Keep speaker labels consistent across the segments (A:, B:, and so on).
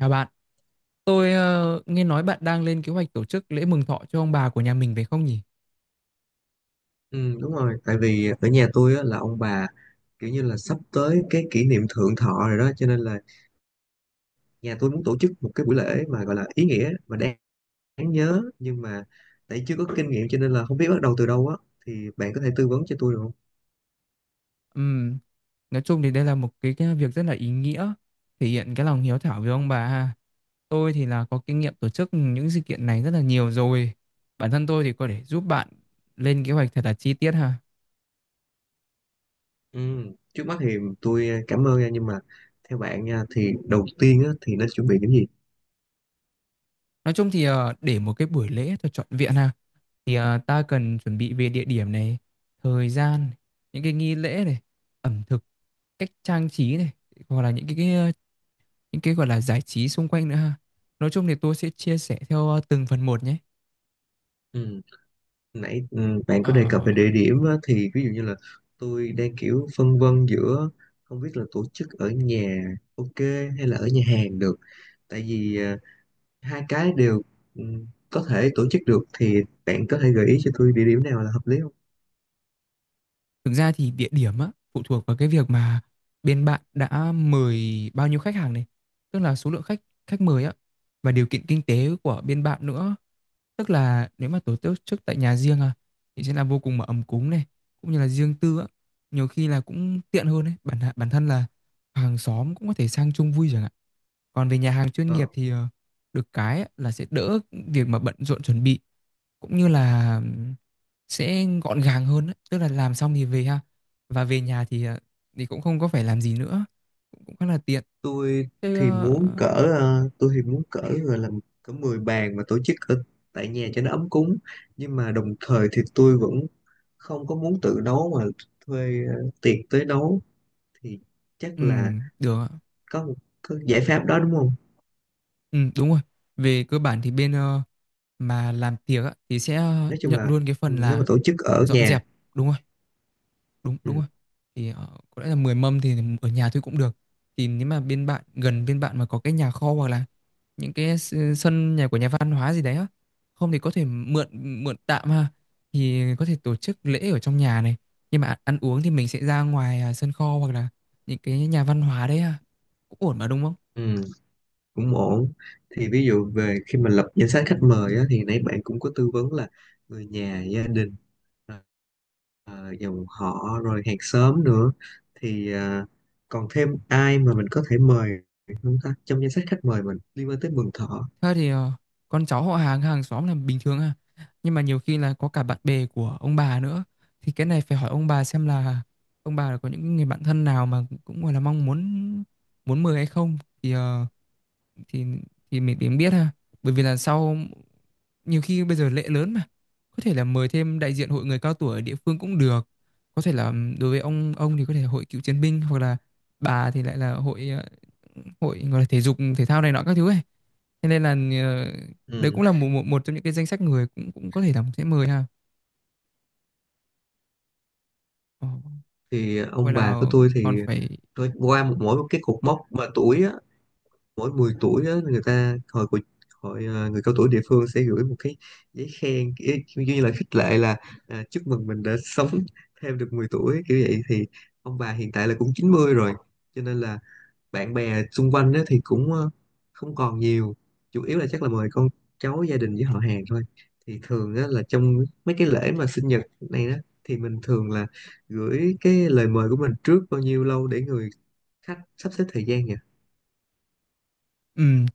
A: Chào bạn, tôi nghe nói bạn đang lên kế hoạch tổ chức lễ mừng thọ cho ông bà của nhà mình phải không nhỉ?
B: Ừ, đúng rồi, tại vì ở nhà tôi á, là ông bà kiểu như là sắp tới cái kỷ niệm thượng thọ rồi đó, cho nên là nhà tôi muốn tổ chức một cái buổi lễ mà gọi là ý nghĩa và đáng nhớ, nhưng mà tại chưa có kinh nghiệm cho nên là không biết bắt đầu từ đâu á, thì bạn có thể tư vấn cho tôi được không?
A: Ừm, nói chung thì đây là một cái việc rất là ý nghĩa, thể hiện cái lòng hiếu thảo với ông bà ha. Tôi thì là có kinh nghiệm tổ chức những sự kiện này rất là nhiều rồi. Bản thân tôi thì có thể giúp bạn lên kế hoạch thật là chi tiết ha.
B: Ừ, trước mắt thì tôi cảm ơn nha, nhưng mà theo bạn nha thì đầu tiên á, thì nên chuẩn bị những gì?
A: Nói chung thì để một cái buổi lễ thật trọn vẹn ha, thì ta cần chuẩn bị về địa điểm này, thời gian, những cái nghi lễ này, ẩm thực, cách trang trí này, hoặc là những cái gọi là giải trí xung quanh nữa ha. Nói chung thì tôi sẽ chia sẻ theo từng phần một nhé.
B: Ừ. Nãy bạn
A: Ờ,
B: có đề cập về địa điểm á, thì ví dụ như là tôi đang kiểu phân vân giữa không biết là tổ chức ở nhà, ok, hay là ở nhà hàng được, tại vì hai cái đều ừ, có thể tổ chức được, thì bạn có thể gợi ý cho tôi địa điểm nào là hợp lý không?
A: Thực ra thì địa điểm á, phụ thuộc vào cái việc mà bên bạn đã mời bao nhiêu khách hàng này, tức là số lượng khách khách mời á, và điều kiện kinh tế của bên bạn nữa. Tức là nếu mà tổ chức tại nhà riêng à, thì sẽ là vô cùng mà ấm cúng này, cũng như là riêng tư á, nhiều khi là cũng tiện hơn đấy. Bản bản thân là hàng xóm cũng có thể sang chung vui chẳng hạn. Còn về nhà hàng chuyên
B: Ờ,
A: nghiệp thì được cái là sẽ đỡ việc mà bận rộn chuẩn bị, cũng như là sẽ gọn gàng hơn á, tức là làm xong thì về ha. Và về nhà thì cũng không có phải làm gì nữa, cũng cũng khá là tiện.
B: tôi
A: Thế
B: thì muốn cỡ tôi thì muốn cỡ gọi là cỡ 10 bàn mà tổ chức ở tại nhà cho nó ấm cúng, nhưng mà đồng thời thì tôi vẫn không có muốn tự nấu mà thuê tiệc tới nấu, thì chắc là
A: được ạ.
B: có một có giải pháp đó đúng không?
A: Đúng rồi. Về cơ bản thì bên mà làm tiệc á, thì sẽ
B: Nói chung
A: nhận
B: là
A: luôn cái phần
B: nếu mà
A: là
B: tổ chức ở
A: dọn
B: nhà,
A: dẹp, đúng không? Đúng đúng
B: ừ,
A: rồi. Thì có lẽ là 10 mâm thì ở nhà thôi cũng được. Thì nếu mà bên bạn, gần bên bạn mà có cái nhà kho, hoặc là những cái sân nhà của nhà văn hóa gì đấy á, không thì có thể mượn mượn tạm ha, thì có thể tổ chức lễ ở trong nhà này, nhưng mà ăn uống thì mình sẽ ra ngoài à, sân kho, hoặc là những cái nhà văn hóa đấy ha, cũng ổn mà đúng không?
B: ừ, cũng ổn. Thì ví dụ về khi mà lập danh sách khách mời á, thì nãy bạn cũng có tư vấn là người nhà gia đình, ờ, dòng họ rồi hàng xóm nữa, thì còn thêm ai mà mình có thể mời không ta, trong danh sách khách mời mình liên quan tới Mừng Thọ?
A: Thật thì con cháu họ hàng hàng xóm là bình thường à. Nhưng mà nhiều khi là có cả bạn bè của ông bà nữa. Thì cái này phải hỏi ông bà xem là ông bà có những người bạn thân nào mà cũng gọi là mong muốn muốn mời hay không. Thì thì mình tìm biết ha, bởi vì là sau, nhiều khi bây giờ lễ lớn mà có thể là mời thêm đại diện hội người cao tuổi ở địa phương cũng được. Có thể là đối với ông thì có thể là hội cựu chiến binh, hoặc là bà thì lại là hội hội gọi là thể dục thể thao này nọ các thứ ấy, thế nên là ờ, đấy
B: Ừ.
A: cũng là một, một một trong những cái danh sách người cũng cũng có thể là sẽ mời ha. Ờ,
B: Thì
A: Hoặc
B: ông bà
A: là
B: của tôi thì
A: còn phải.
B: tôi qua mỗi một cái cột mốc mà tuổi á, mỗi 10 tuổi á, người ta hội à, người cao tuổi địa phương sẽ gửi một cái giấy khen kiểu kiểu như là khích lệ là, à, chúc mừng mình đã sống thêm được 10 tuổi kiểu vậy. Thì ông bà hiện tại là cũng 90 rồi, cho nên là bạn bè xung quanh á, thì cũng không còn nhiều, chủ yếu là chắc là mời con cháu gia đình với họ hàng thôi. Thì thường á, là trong mấy cái lễ mà sinh nhật này đó, thì mình thường là gửi cái lời mời của mình trước bao nhiêu lâu để người khách sắp xếp thời gian nhỉ?
A: Ừm,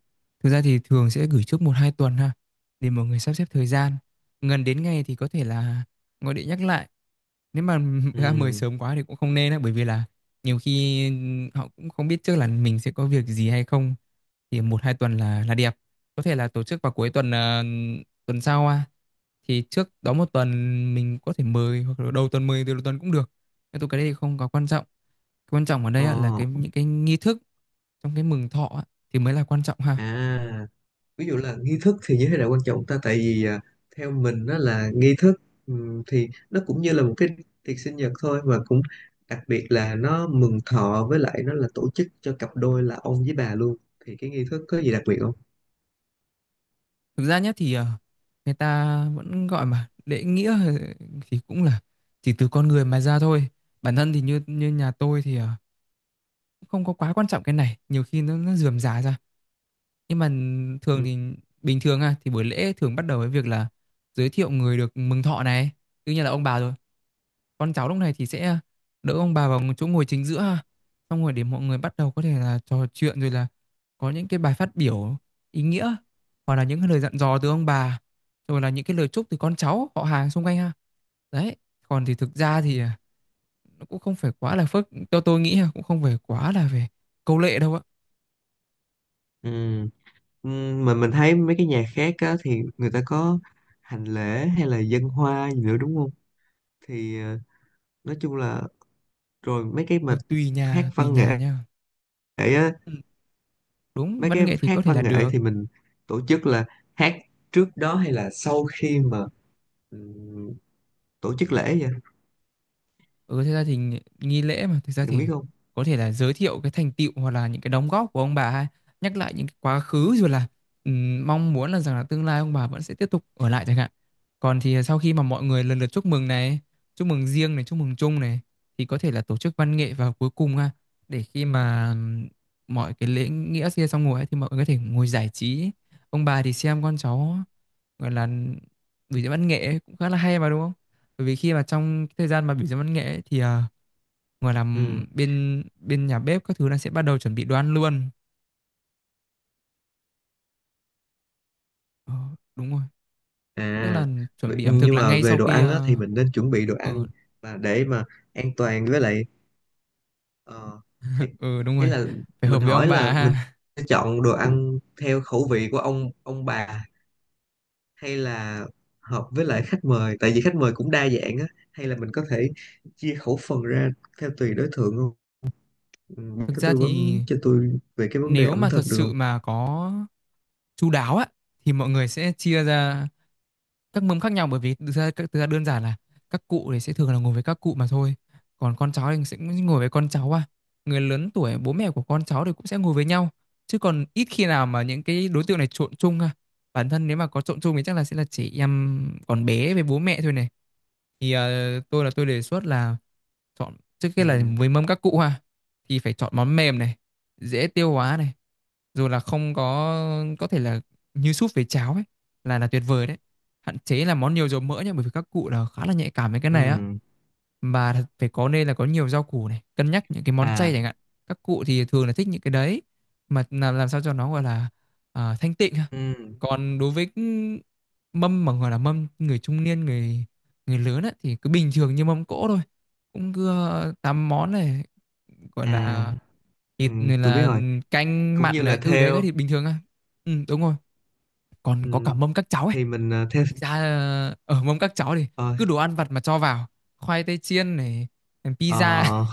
A: Thực ra thì thường sẽ gửi trước một hai tuần ha, để mọi người sắp xếp thời gian. Gần đến ngày thì có thể là gọi điện nhắc lại. Nếu mà ra mời
B: Ừ.
A: sớm quá thì cũng không nên á, bởi vì là nhiều khi họ cũng không biết trước là mình sẽ có việc gì hay không. Thì một hai tuần là đẹp. Có thể là tổ chức vào cuối tuần tuần sau à. Thì trước đó một tuần mình có thể mời, hoặc là đầu tuần, mời từ đầu tuần cũng được. Nhưng tôi cái đấy thì không có quan trọng. Quan trọng ở
B: Ờ.
A: đây á, là cái những cái nghi thức trong cái mừng thọ thì mới là quan trọng ha.
B: À, ví dụ là nghi thức thì như thế nào quan trọng ta? Tại vì à, theo mình nó là nghi thức, thì nó cũng như là một cái tiệc sinh nhật thôi, mà cũng đặc biệt là nó mừng thọ, với lại nó là tổ chức cho cặp đôi là ông với bà luôn. Thì cái nghi thức có gì đặc biệt không?
A: Thực ra nhé thì người ta vẫn gọi mà lễ nghĩa, thì cũng là chỉ từ con người mà ra thôi. Bản thân thì như như nhà tôi thì cũng không có quá quan trọng cái này, nhiều khi nó rườm rà ra. Nhưng mà thường
B: Ừ.
A: thì bình thường à, thì buổi lễ thường bắt đầu với việc là giới thiệu người được mừng thọ này, tự nhiên là ông bà rồi. Con cháu lúc này thì sẽ đỡ ông bà vào chỗ ngồi chính giữa ha. Xong rồi để mọi người bắt đầu, có thể là trò chuyện, rồi là có những cái bài phát biểu ý nghĩa, hoặc là những cái lời dặn dò từ ông bà, rồi là những cái lời chúc từ con cháu họ hàng xung quanh ha, đấy. Còn thì thực ra thì à, nó cũng không phải quá là phức, theo tôi nghĩ là cũng không phải quá là về câu lệ đâu ạ.
B: Ừ. Ừ, mà mình thấy mấy cái nhà khác á, thì người ta có hành lễ hay là dân hoa gì nữa đúng không? Thì nói chung là, rồi mấy cái
A: Ừ,
B: mà hát
A: tùy
B: văn nghệ
A: nhà nha.
B: á.
A: Ừ, đúng.
B: Mấy
A: Văn
B: cái
A: nghệ thì có
B: hát
A: thể là
B: văn nghệ
A: được.
B: thì mình tổ chức là hát trước đó hay là sau khi mà ừm, tổ chức lễ vậy,
A: Ừ, thực ra thì nghi nghi lễ mà, thực ra
B: em
A: thì
B: biết không?
A: có thể là giới thiệu cái thành tựu, hoặc là những cái đóng góp của ông bà, hay nhắc lại những cái quá khứ, rồi là mong muốn là rằng là tương lai ông bà vẫn sẽ tiếp tục ở lại chẳng hạn. Còn thì sau khi mà mọi người lần lượt chúc mừng này, chúc mừng riêng này, chúc mừng chung này, thì có thể là tổ chức văn nghệ vào cuối cùng ha, để khi mà mọi cái lễ nghĩa kia xong rồi ấy, thì mọi người có thể ngồi giải trí, ông bà thì xem con cháu gọi là biểu diễn văn nghệ ấy, cũng khá là hay mà đúng không? Bởi vì khi mà trong cái thời gian mà biểu diễn văn nghệ ấy, thì, gọi là,
B: Ừ,
A: bên bên nhà bếp các thứ là sẽ bắt đầu chuẩn bị đồ ăn luôn. Ờ, đúng rồi, tức là
B: à,
A: chuẩn bị ẩm thực
B: nhưng
A: là
B: mà
A: ngay
B: về
A: sau
B: đồ
A: khi,
B: ăn á thì
A: à,
B: mình nên chuẩn bị đồ
A: ờ
B: ăn và để mà an toàn với lại, ờ,
A: ừ,
B: thì
A: ừ, đúng
B: ý
A: rồi,
B: là
A: phải hợp
B: mình
A: với ông
B: hỏi là
A: bà
B: mình
A: ha.
B: sẽ chọn đồ ăn theo khẩu vị của ông bà, hay là hợp với lại khách mời, tại vì khách mời cũng đa dạng á, hay là mình có thể chia khẩu phần ra theo tùy đối tượng không? Ừ, bạn
A: Thực
B: có
A: ra
B: tư
A: thì
B: vấn cho tôi về cái vấn đề
A: nếu
B: ẩm
A: mà thật
B: thực được
A: sự
B: không?
A: mà có chu đáo á, thì mọi người sẽ chia ra các mâm khác nhau, bởi vì thực ra đơn giản là các cụ thì sẽ thường là ngồi với các cụ mà thôi, còn con cháu thì sẽ ngồi với con cháu à, người lớn tuổi, bố mẹ của con cháu thì cũng sẽ ngồi với nhau, chứ còn ít khi nào mà những cái đối tượng này trộn chung à, bản thân nếu mà có trộn chung thì chắc là sẽ là chị em, còn bé với bố mẹ thôi này. Thì tôi là tôi đề xuất là chọn trước
B: Ừ.
A: kia là với mâm các cụ ha. Thì phải chọn món mềm này, dễ tiêu hóa này, rồi là không có, có thể là như súp với cháo ấy là tuyệt vời đấy. Hạn chế là món nhiều dầu mỡ nhá, bởi vì các cụ là khá là nhạy cảm với cái
B: Ừ.
A: này á. Và phải có, nên là có nhiều rau củ này, cân nhắc những cái món chay
B: À.
A: chẳng hạn. Các cụ thì thường là thích những cái đấy, mà làm sao cho nó gọi là à, thanh tịnh ha.
B: Ừ.
A: Còn đối với cái mâm mà gọi là mâm người trung niên, người người lớn á, thì cứ bình thường như mâm cỗ thôi, cũng cứ tám món này, gọi
B: À.
A: là
B: Ừ.
A: thịt này,
B: Tôi biết
A: là
B: rồi.
A: canh
B: Cũng như
A: mặn
B: là
A: đấy, ừ, thế cái
B: theo.
A: thịt bình thường á. Ừ, đúng rồi, còn có cả
B: Ừ.
A: mâm các cháu ấy.
B: Thì mình theo
A: Thực ra ở mâm các cháu thì
B: ờ,
A: cứ đồ ăn vặt mà cho vào, khoai tây chiên này, pizza,
B: ờ,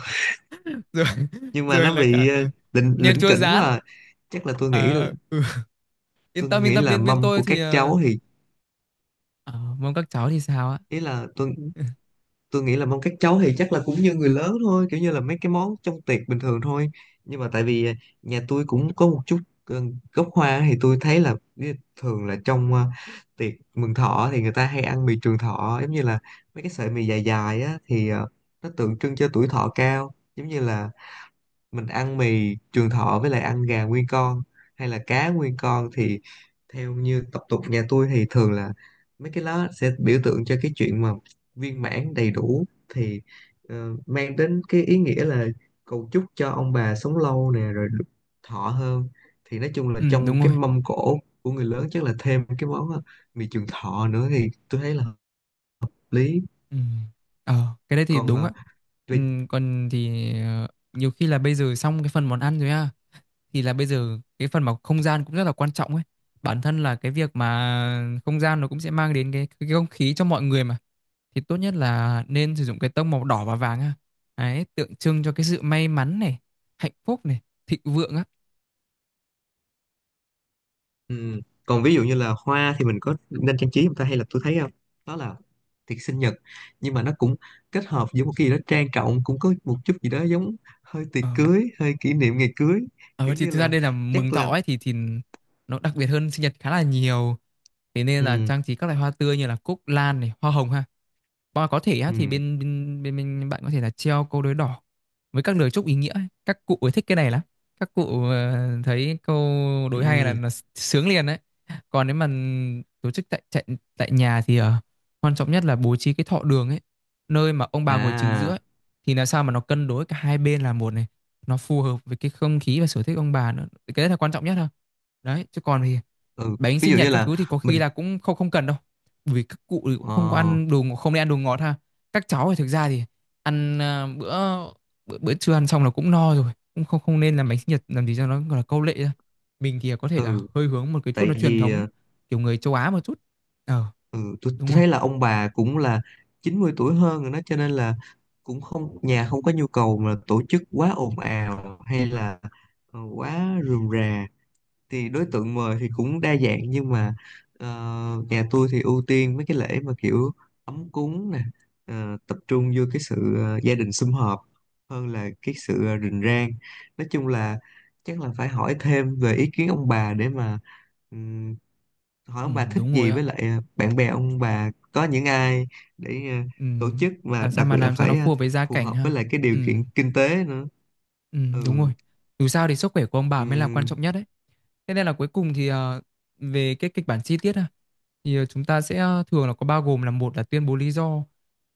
A: rồi
B: nhưng mà
A: rồi
B: nó
A: là cả
B: bị lỉnh
A: nem
B: lỉnh
A: chua
B: kỉnh quá
A: rán.
B: à. Chắc là tôi nghĩ là
A: Ờ, ừ. yên
B: tôi
A: tâm yên
B: nghĩ
A: tâm
B: là
A: bên bên
B: mâm
A: tôi
B: của
A: thì
B: các cháu thì,
A: ở mâm các cháu thì sao á.
B: ý là tôi tôi nghĩ là mong các cháu thì chắc là cũng như người lớn thôi, kiểu như là mấy cái món trong tiệc bình thường thôi. Nhưng mà tại vì à, nhà tôi cũng có một chút ờ, gốc Hoa, thì tôi thấy là thường là trong tiệc mừng thọ thì người ta hay ăn mì trường thọ, giống như là mấy cái sợi mì dài dài á, thì nó tượng trưng cho tuổi thọ cao. Giống như là mình ăn mì trường thọ với lại ăn gà nguyên con hay là cá nguyên con, thì theo như tập tục nhà tôi thì thường là mấy cái lá sẽ biểu tượng cho cái chuyện mà viên mãn đầy đủ, thì mang đến cái ý nghĩa là cầu chúc cho ông bà sống lâu nè, rồi được thọ hơn. Thì nói chung là
A: Ừ,
B: trong
A: đúng
B: cái
A: rồi,
B: mâm cỗ của người lớn chắc là thêm cái món mì trường thọ nữa, thì tôi thấy là hợp lý.
A: ừ. Ờ cái đấy thì
B: Còn
A: đúng á. Ừ,
B: về.
A: còn thì nhiều khi là bây giờ xong cái phần món ăn rồi á, thì là bây giờ cái phần mà không gian cũng rất là quan trọng ấy. Bản thân là cái việc mà không gian nó cũng sẽ mang đến cái không khí cho mọi người mà, thì tốt nhất là nên sử dụng cái tông màu đỏ và vàng ha. Đấy tượng trưng cho cái sự may mắn này, hạnh phúc này, thịnh vượng á.
B: Ừ. Còn ví dụ như là hoa thì mình có nên trang trí không ta, hay là tôi thấy không đó là tiệc sinh nhật, nhưng mà nó cũng kết hợp với một cái gì đó trang trọng, cũng có một chút gì đó giống hơi tiệc
A: ờ,
B: cưới, hơi kỷ niệm ngày cưới
A: ờ
B: kiểu
A: thì
B: như
A: thực ra
B: là
A: đây là mừng
B: chắc
A: thọ
B: là,
A: ấy thì nó đặc biệt hơn sinh nhật khá là nhiều, thế nên là
B: ừ,
A: trang trí các loại hoa tươi như là cúc lan này, hoa hồng ha. Và có thể á, thì
B: ừ,
A: bên bên bên bên bạn có thể là treo câu đối đỏ với các lời chúc ý nghĩa ấy. Các cụ ấy thích cái này lắm. Các cụ thấy câu đối hay là,
B: ừ,
A: là sướng liền đấy. Còn nếu mà tổ chức tại tại, tại nhà thì quan trọng nhất là bố trí cái thọ đường ấy, nơi mà ông bà ngồi chính giữa ấy,
B: à,
A: thì làm sao mà nó cân đối cả hai bên là một này, nó phù hợp với cái không khí và sở thích ông bà nữa. Cái đấy là quan trọng nhất thôi. Đấy, chứ còn thì
B: ừ,
A: bánh
B: ví
A: sinh
B: dụ
A: nhật
B: như
A: các
B: là
A: thứ thì có khi
B: mình
A: là cũng không không cần đâu, bởi vì các cụ thì cũng không có
B: ờ
A: ăn đồ ngọt- không nên ăn đồ ngọt ha. Các cháu thì thực ra thì ăn bữa bữa trưa ăn xong là cũng no rồi, cũng không không nên làm bánh sinh nhật làm gì cho nó gọi là câu lệ ra. Mình thì có thể là
B: ừ,
A: hơi hướng một cái chút
B: tại
A: nó truyền
B: vì
A: thống, kiểu người châu Á một chút. Ờ
B: Ừ, tôi
A: đúng rồi.
B: thấy là ông bà cũng là 90 tuổi hơn rồi đó, cho nên là cũng không, nhà không có nhu cầu mà tổ chức quá ồn ào hay là quá rườm rà. Thì đối tượng mời thì cũng đa dạng, nhưng mà ờ, nhà tôi thì ưu tiên mấy cái lễ mà kiểu ấm cúng nè, tập trung vô cái sự gia đình sum họp hơn là cái sự rình rang. Nói chung là chắc là phải hỏi thêm về ý kiến ông bà, để mà hỏi
A: Ừ,
B: ông bà thích
A: đúng rồi
B: gì
A: ạ.
B: với lại, bạn bè ông bà có những ai để
A: Ừ.
B: tổ chức, mà
A: Làm sao
B: đặc
A: mà
B: biệt là
A: làm cho nó
B: phải
A: phù hợp với gia
B: phù
A: cảnh
B: hợp với
A: ha.
B: lại cái
A: Ừ,
B: điều kiện kinh tế nữa.
A: ừ
B: Ừ.
A: đúng rồi. Dù sao thì sức khỏe của ông bà mới là quan
B: Ừm.
A: trọng nhất đấy. Thế nên là cuối cùng thì về cái kịch bản chi tiết ha, thì chúng ta sẽ thường là có bao gồm là một là tuyên bố lý do,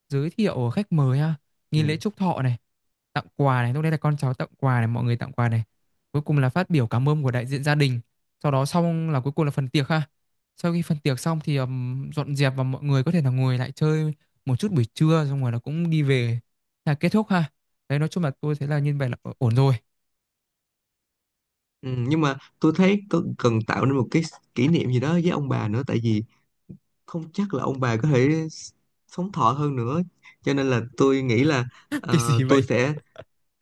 A: giới thiệu khách mời ha, nghi lễ
B: Ừm.
A: chúc thọ này, tặng quà này, lúc đấy là con cháu tặng quà này, mọi người tặng quà này. Cuối cùng là phát biểu cảm ơn của đại diện gia đình. Sau đó xong là cuối cùng là phần tiệc ha. Sau khi phần tiệc xong thì dọn dẹp và mọi người có thể là ngồi lại chơi một chút buổi trưa xong rồi là cũng đi về, là kết thúc ha. Đấy nói chung là tôi thấy là như vậy là ổn rồi.
B: Ừm, nhưng mà tôi thấy có cần tạo nên một cái kỷ niệm gì đó với ông bà nữa, tại vì không chắc là ông bà có thể sống thọ hơn nữa, cho nên là tôi nghĩ là,
A: Cái
B: ờ,
A: gì
B: tôi
A: vậy?
B: sẽ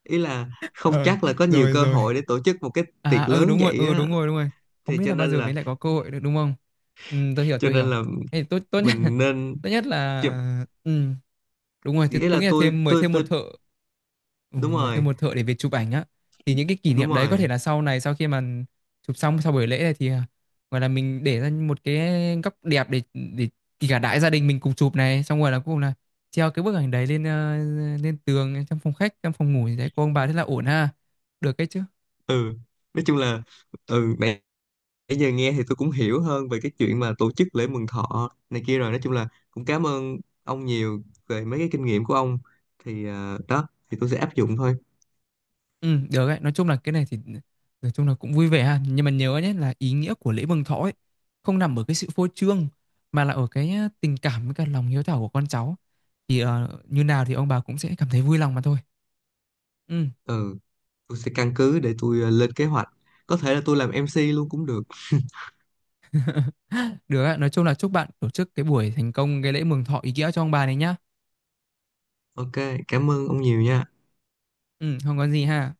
B: ý là không
A: Ờ,
B: chắc là có nhiều
A: rồi
B: cơ
A: rồi.
B: hội để tổ chức một cái
A: À
B: tiệc lớn vậy
A: ừ đúng
B: á,
A: rồi, đúng rồi. Không
B: thì
A: biết
B: cho
A: là bao
B: nên
A: giờ
B: là,
A: mới lại có cơ hội được đúng không? Ừ, tôi hiểu,
B: cho
A: tôi hiểu.
B: nên là
A: Thế thì tốt tốt nhất
B: mình nên
A: tốt nhất
B: chụp.
A: là ừ, đúng rồi, tôi,
B: Nghĩa
A: tôi
B: là
A: nghĩ là
B: tôi
A: thêm mời
B: tôi
A: thêm
B: tôi
A: một thợ. Ừ,
B: đúng
A: mời thêm
B: rồi.
A: một thợ để về chụp ảnh á, thì những cái kỷ
B: Đúng
A: niệm đấy có thể
B: rồi.
A: là sau này, sau khi mà chụp xong sau buổi lễ này thì à, gọi là mình để ra một cái góc đẹp để để kể cả đại gia đình mình cùng chụp này xong rồi là cuối cùng là treo cái bức ảnh đấy lên lên tường trong phòng khách, trong phòng ngủ gì đấy của ông bà, thế là ổn ha, được cái chứ.
B: Ừ, nói chung là, ừ, nãy nãy giờ nghe thì tôi cũng hiểu hơn về cái chuyện mà tổ chức lễ mừng thọ này kia rồi. Nói chung là cũng cảm ơn ông nhiều về mấy cái kinh nghiệm của ông, thì đó thì tôi sẽ áp dụng thôi.
A: Ừ, được đấy. Nói chung là cái này thì nói chung là cũng vui vẻ ha. Nhưng mà nhớ nhé là ý nghĩa của lễ mừng thọ ấy không nằm ở cái sự phô trương mà là ở cái tình cảm với cả lòng hiếu thảo của con cháu. Thì như nào thì ông bà cũng sẽ cảm thấy vui lòng mà thôi. Ừ,
B: Ừ, tôi sẽ căn cứ để tôi lên kế hoạch. Có thể là tôi làm MC luôn cũng được.
A: được ạ. Nói chung là chúc bạn tổ chức cái buổi thành công cái lễ mừng thọ ý nghĩa cho ông bà này nhá.
B: Ok, cảm ơn ông nhiều nha.
A: Ừ, không có gì ha.